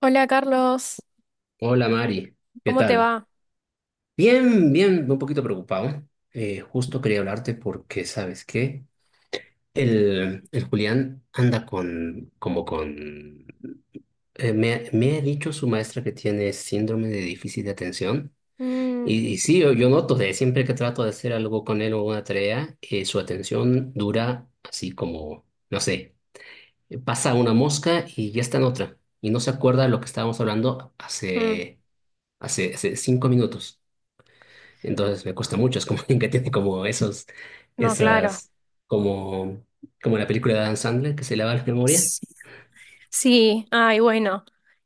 Hola, Carlos, Hola Mari, ¿qué ¿cómo te tal? va? Bien, bien, un poquito preocupado. Justo quería hablarte porque, ¿sabes qué? El Julián anda me ha dicho su maestra que tiene síndrome de déficit de atención. Mm, Y sí, yo noto de siempre que trato de hacer algo con él o una tarea, su atención dura así como, no sé, pasa una mosca y ya está en otra. Y no se acuerda de lo que estábamos hablando mm, hace 5 minutos. Entonces me cuesta mucho, es como alguien que tiene como esos, no, claro. esas, como, como la película de Adam Sandler que se lava la memoria. Sí, ay, bueno.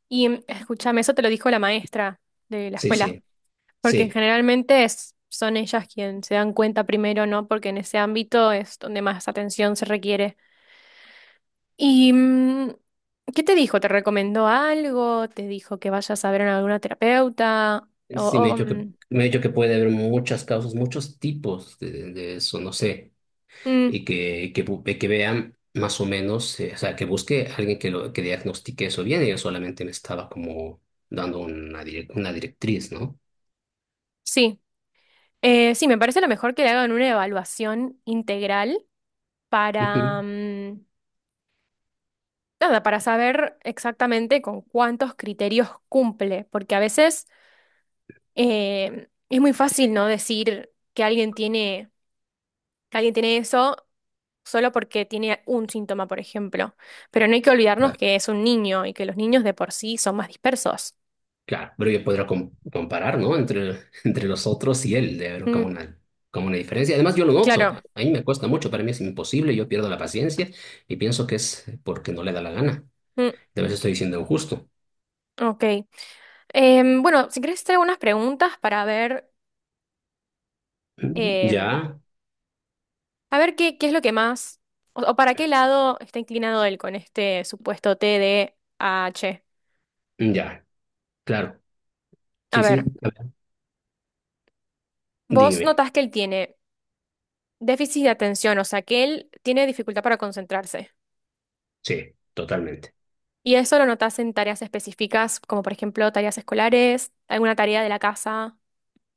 Y escúchame, eso te lo dijo la maestra de la Sí, escuela, sí, porque sí. generalmente son ellas quienes se dan cuenta primero, ¿no? Porque en ese ámbito es donde más atención se requiere. ¿Y qué te dijo? ¿Te recomendó algo? ¿Te dijo que vayas a ver a alguna terapeuta? O, Sí, me ha o, dicho que, mm, me ha dicho que puede haber muchas causas, muchos tipos de eso, no sé. mm, Y que vean más o menos, o sea, que busque a alguien que diagnostique eso bien. Y yo solamente me estaba como dando una directriz, ¿no? sí. Sí, me parece lo mejor que le hagan una evaluación integral para, Ujú. Nada, para saber exactamente con cuántos criterios cumple, porque a veces es muy fácil, ¿no? Decir que alguien tiene eso solo porque tiene un síntoma, por ejemplo, pero no hay que olvidarnos que es un niño y que los niños de por sí son más dispersos. Claro, pero yo podría comparar, ¿no? Entre los otros y él, de ver Mm, como una diferencia. Además, yo lo noto. claro. A mí me cuesta mucho, para mí es imposible, yo pierdo la paciencia y pienso que es porque no le da la gana. Mm, De vez estoy siendo injusto. ok. Bueno, si querés hacer algunas preguntas para ver... em, Ya, A ver qué es lo que más, o para qué lado está inclinado él con este supuesto TDAH. ya, claro. A Sí, ver, sí, a ver, vos dime. notás que él tiene déficit de atención, o sea, que él tiene dificultad para concentrarse. Sí, totalmente. Y eso lo notás en tareas específicas, como por ejemplo tareas escolares, alguna tarea de la casa.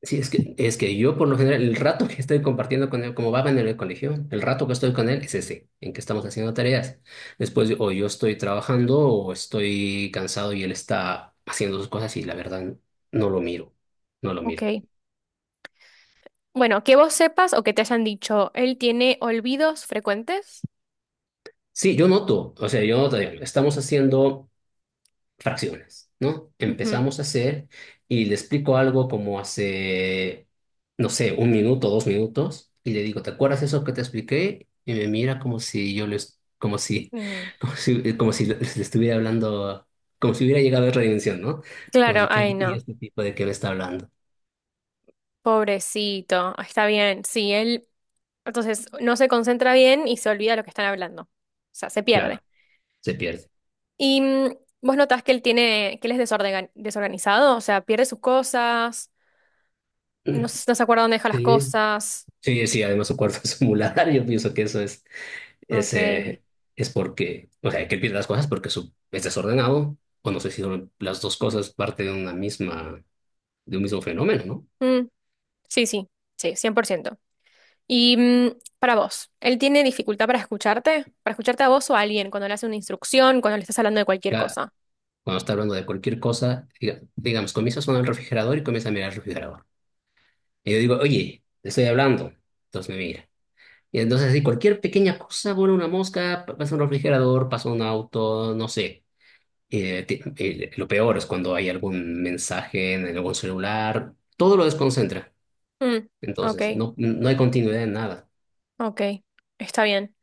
Sí, es que yo por lo general, el rato que estoy compartiendo con él, como va en el colegio, el rato que estoy con él es ese, en que estamos haciendo tareas. Después o yo estoy trabajando o estoy cansado y él está haciendo sus cosas y la verdad no lo miro, no lo Ok. miro. Bueno, que vos sepas o que te hayan dicho, él tiene olvidos frecuentes. Sí, yo noto, o sea, yo noto, digamos, estamos haciendo fracciones, ¿no? Ujú. Empezamos a hacer y le explico algo como hace, no sé, 1 minuto, 2 minutos, y le digo, ¿te acuerdas eso que te expliqué? Y me mira como si yo le, es- como si, Mm. como si le estuviera hablando, como si hubiera llegado a otra dimensión, ¿no? Como Claro, si, ¿qué ay, y no. este tipo de que me está hablando? Pobrecito, está bien. Sí, él Entonces, no se concentra bien y se olvida lo que están hablando. O sea, se pierde. Claro, se pierde. Y vos notás que él es desorganizado, o sea, pierde sus cosas, no, no se acuerda dónde deja las Sí, cosas. sí, sí, además su cuerpo es un muladar, yo pienso que eso es. Es, Ok. eh, es porque, o sea, que él pierde las cosas porque es desordenado, o no sé si son las dos cosas parte de un mismo fenómeno, ¿no? Mm, sí, sí, sí, 100%. Y para vos, ¿él tiene dificultad para escucharte? ¿Para escucharte a vos o a alguien cuando le hace una instrucción, cuando le estás hablando de cualquier Ya, cosa? cuando está hablando de cualquier cosa, digamos, comienza a sonar el refrigerador y comienza a mirar el refrigerador. Y yo digo, oye, te estoy hablando. Entonces me mira. Y entonces, así, cualquier pequeña cosa, vuela una mosca, pasa un refrigerador, pasa un auto, no sé. Lo peor es cuando hay algún mensaje en algún celular, todo lo desconcentra. Mm, ok, Entonces, no, no hay continuidad en nada. ok, está bien.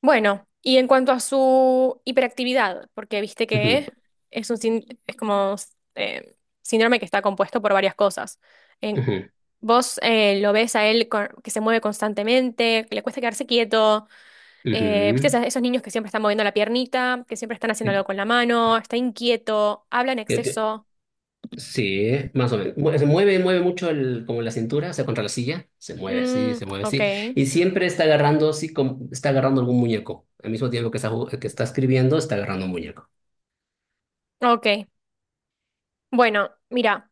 Bueno, y en cuanto a su hiperactividad, porque viste Ujú, que es un sin- es como síndrome que está compuesto por varias cosas. En- ujú, Vos lo ves a él que se mueve constantemente, que le cuesta quedarse quieto, viste ujú. Esos niños que siempre están moviendo la piernita, que siempre están haciendo algo Eh, con la mano, está inquieto, habla en eh, eh, exceso. Sí, más o menos. Se mueve mucho como la cintura, o sea, contra la silla. Se mueve así, Mm, se mueve ok, así. Y siempre está agarrando así, está agarrando algún muñeco. Al mismo tiempo que está escribiendo, está agarrando un muñeco. ok. Bueno, mira.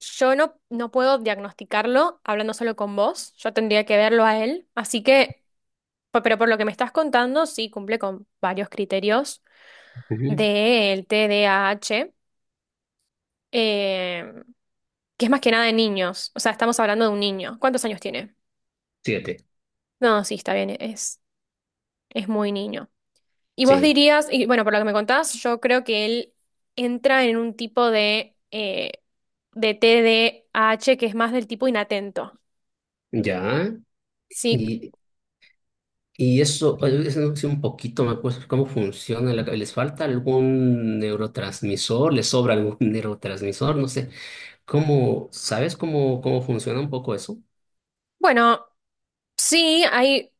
Yo no, no puedo diagnosticarlo hablando solo con vos, yo tendría que verlo a él, así que pero por lo que me estás contando, sí cumple con varios criterios Ujú. del TDAH, eh, que es más que nada de niños. O sea, estamos hablando de un niño. ¿Cuántos años tiene? Siete, No, sí, está bien, es muy niño. Y vos sí, dirías, y bueno, por lo que me contás, yo creo que él entra en un tipo de TDAH que es más del tipo inatento. ya. Sí, Y, y eso no sé un poquito, me acuerdo cómo funciona. ¿Les falta algún neurotransmisor? ¿Les sobra algún neurotransmisor? No sé. ¿Sabes cómo funciona un poco eso? bueno, sí, hay.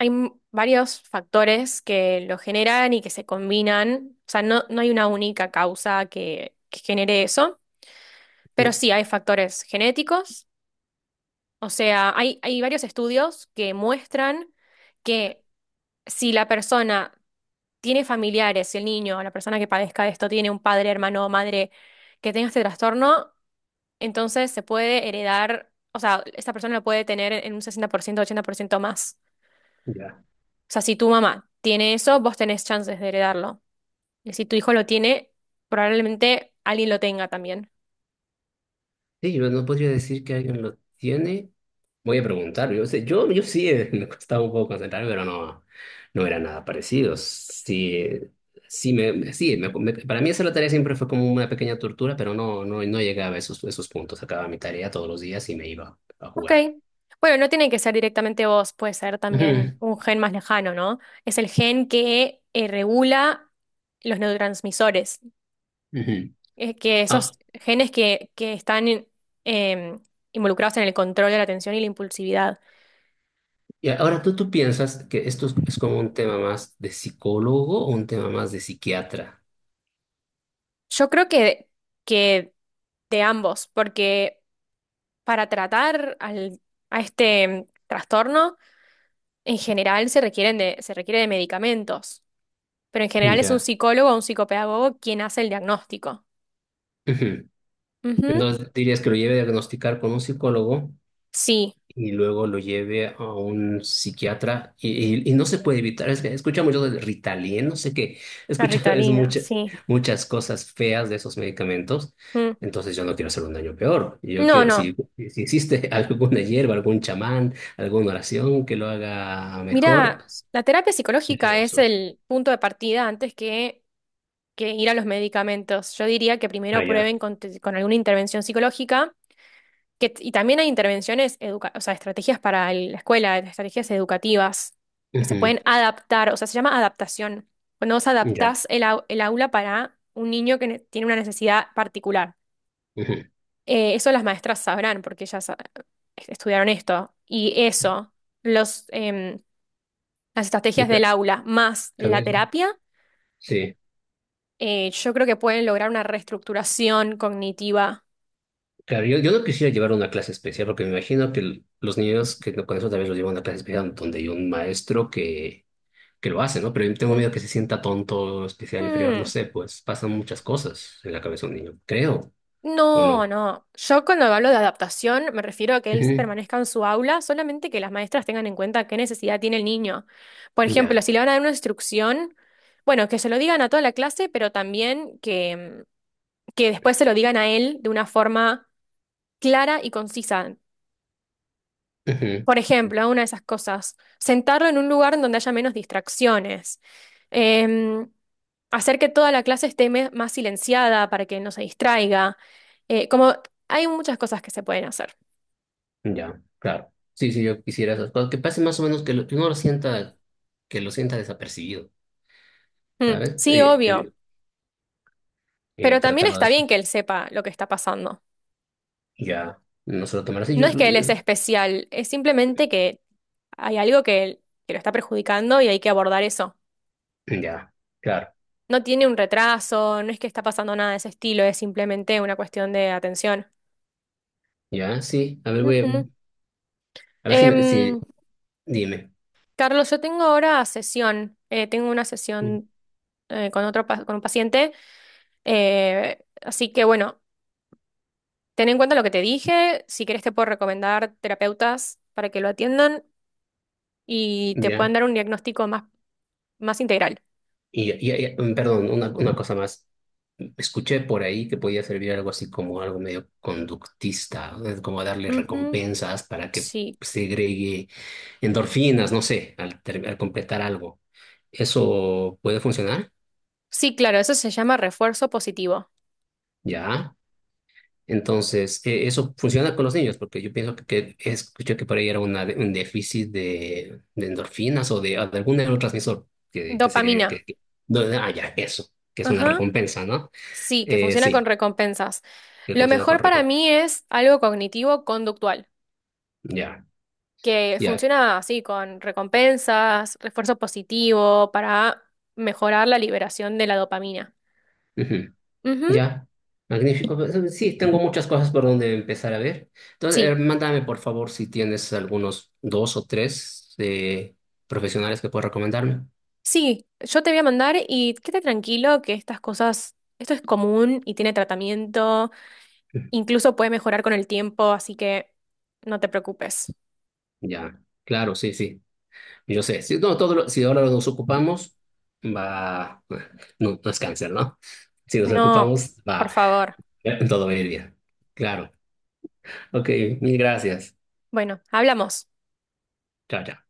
Varios factores que lo generan y que se combinan. O sea, no, no hay una única causa que genere eso, pero Eh, sí hay factores genéticos. O sea, hay varios estudios que muestran que si la persona tiene familiares, si el niño o la persona que padezca esto tiene un padre, hermano o madre que tenga este trastorno, entonces se puede heredar, o sea, esta persona lo puede tener en un 60%, 80% más. Ya. O sea, si tu mamá tiene eso, vos tenés chances de heredarlo. Y si tu hijo lo tiene, probablemente alguien lo tenga también. Sí, yo no podría decir que alguien lo tiene. Voy a preguntar. Yo sé, yo sí me costaba un poco concentrarme, pero no, no era nada parecido. Sí, sí, para mí hacer la tarea siempre fue como una pequeña tortura, pero no, no, no llegaba a esos puntos. Acababa mi tarea todos los días y me iba a Ok. jugar. Bueno, no tiene que ser directamente vos, puede ser Ujú, también un gen más lejano, ¿no? Es el gen que regula los neurotransmisores. ujú. Es que esos Ah, genes que están eh, involucrados en el control de la atención y la impulsividad. y ahora tú piensas que esto es como un tema más de psicólogo o un tema más de psiquiatra. Yo creo que de ambos, porque para tratar a este trastorno, en general se requiere de medicamentos. Pero en general es un Ya. psicólogo o un psicopedagogo quien hace el diagnóstico. Ujú. Ujú. Entonces, dirías que lo lleve a diagnosticar con un psicólogo Sí, y luego lo lleve a un psiquiatra y no se puede evitar. Es que escuchamos yo del Ritalin, no sé qué. la Escucha, es Ritalina, sí. muchas cosas feas de esos medicamentos. Mm. Entonces, yo no quiero hacer un daño peor. Yo No, quiero, si, no. si existe alguna hierba, algún chamán, alguna oración que lo haga mejor, Mira, la terapia prefiero psicológica es eso. el punto de partida antes que ir a los medicamentos. Yo diría que Ah, primero ya. prueben con alguna intervención psicológica, y también hay intervenciones, educa o sea, estrategias para la escuela, estrategias educativas que se Ujú. pueden adaptar, o sea, se llama adaptación, cuando vos Ya. adaptás el aula para un niño que tiene una necesidad particular. Ujú. Eso las maestras sabrán porque ellas estudiaron esto. Y eso, los, em, las Y estrategias del tal aula más tal la vez, terapia, sí. Yo creo que pueden lograr una reestructuración cognitiva. Claro, yo no quisiera llevar una clase especial porque me imagino que los niños que no- con eso también los llevan a una clase especial donde hay un maestro que lo hace, ¿no? Pero yo tengo Mm. miedo que se sienta tonto, especial, inferior, no Mm. sé, pues pasan muchas cosas en la cabeza de un niño, creo, ¿o No, no? no. Yo cuando hablo de adaptación me refiero a que él Ujú, permanezca en su aula, solamente que las maestras tengan en cuenta qué necesidad tiene el niño. Por ejemplo, ya, si le van a dar una instrucción, bueno, que se lo digan a toda la clase, pero también que después se lo digan a él de una forma clara y concisa. ujú, Por ejemplo, una de esas cosas, sentarlo en un lugar en donde haya menos distracciones. Em, Hacer que toda la clase esté más silenciada para que no se distraiga. Como hay muchas cosas que se pueden hacer. ya, claro. Sí, sí, yo quisiera esas cosas, que pase más o menos que uno lo sienta, que lo sienta desapercibido, Mm, ¿sabes? sí, obvio, pero también Tratarlo de está eso. bien que él sepa lo que está pasando. Ya, no se lo tomará así, No es que él es es- especial, es simplemente que hay algo que lo está perjudicando y hay que abordar eso. ya, claro, No tiene un retraso, no es que está pasando nada de ese estilo, es simplemente una cuestión de atención. ya, sí, a ver, Ujú. a ver si, Em, dime. Carlos, yo tengo ahora sesión, tengo una sesión con un paciente, así que bueno, ten en cuenta lo que te dije, si querés te puedo recomendar terapeutas para que lo atiendan y te puedan Ya. dar un diagnóstico más integral. Perdón, una cosa más. Escuché por ahí que podía servir algo así como algo medio conductista, ¿no? Es como darle Ujú. recompensas para que Sí, segregue endorfinas, no sé, al completar algo. ¿Eso puede funcionar? sí, claro, eso se llama refuerzo positivo. Ya. Entonces, eso funciona con los niños, porque yo pienso que escuché que por ahí era un déficit de endorfinas o de algún neurotransmisor que se cree Dopamina, que. Ah, ya, eso, que es una ajá, recompensa, ¿no? sí, que funciona con Sí, recompensas. que Lo funciona con mejor para recompensa. mí es algo cognitivo conductual, Ya, que ya. funciona así, con recompensas, refuerzo positivo, para mejorar la liberación de la dopamina. Ujú, Ujú, ya. Magnífico. Pues, sí, tengo muchas cosas por donde empezar a ver. Entonces, sí, mándame por favor si tienes algunos dos o tres profesionales que puedas recomendarme. sí, yo te voy a mandar y quédate tranquilo que estas cosas, esto es común y tiene tratamiento, incluso puede mejorar con el tiempo, así que no te preocupes. Ya, claro, sí, sí. Yo sé, si, no, si ahora nos ocupamos, va, no, no es cáncer, ¿no? Si nos No, ocupamos, por va, favor. todo va a ir bien. Claro. Ok, mil gracias. Bueno, hablamos. Chao, chao.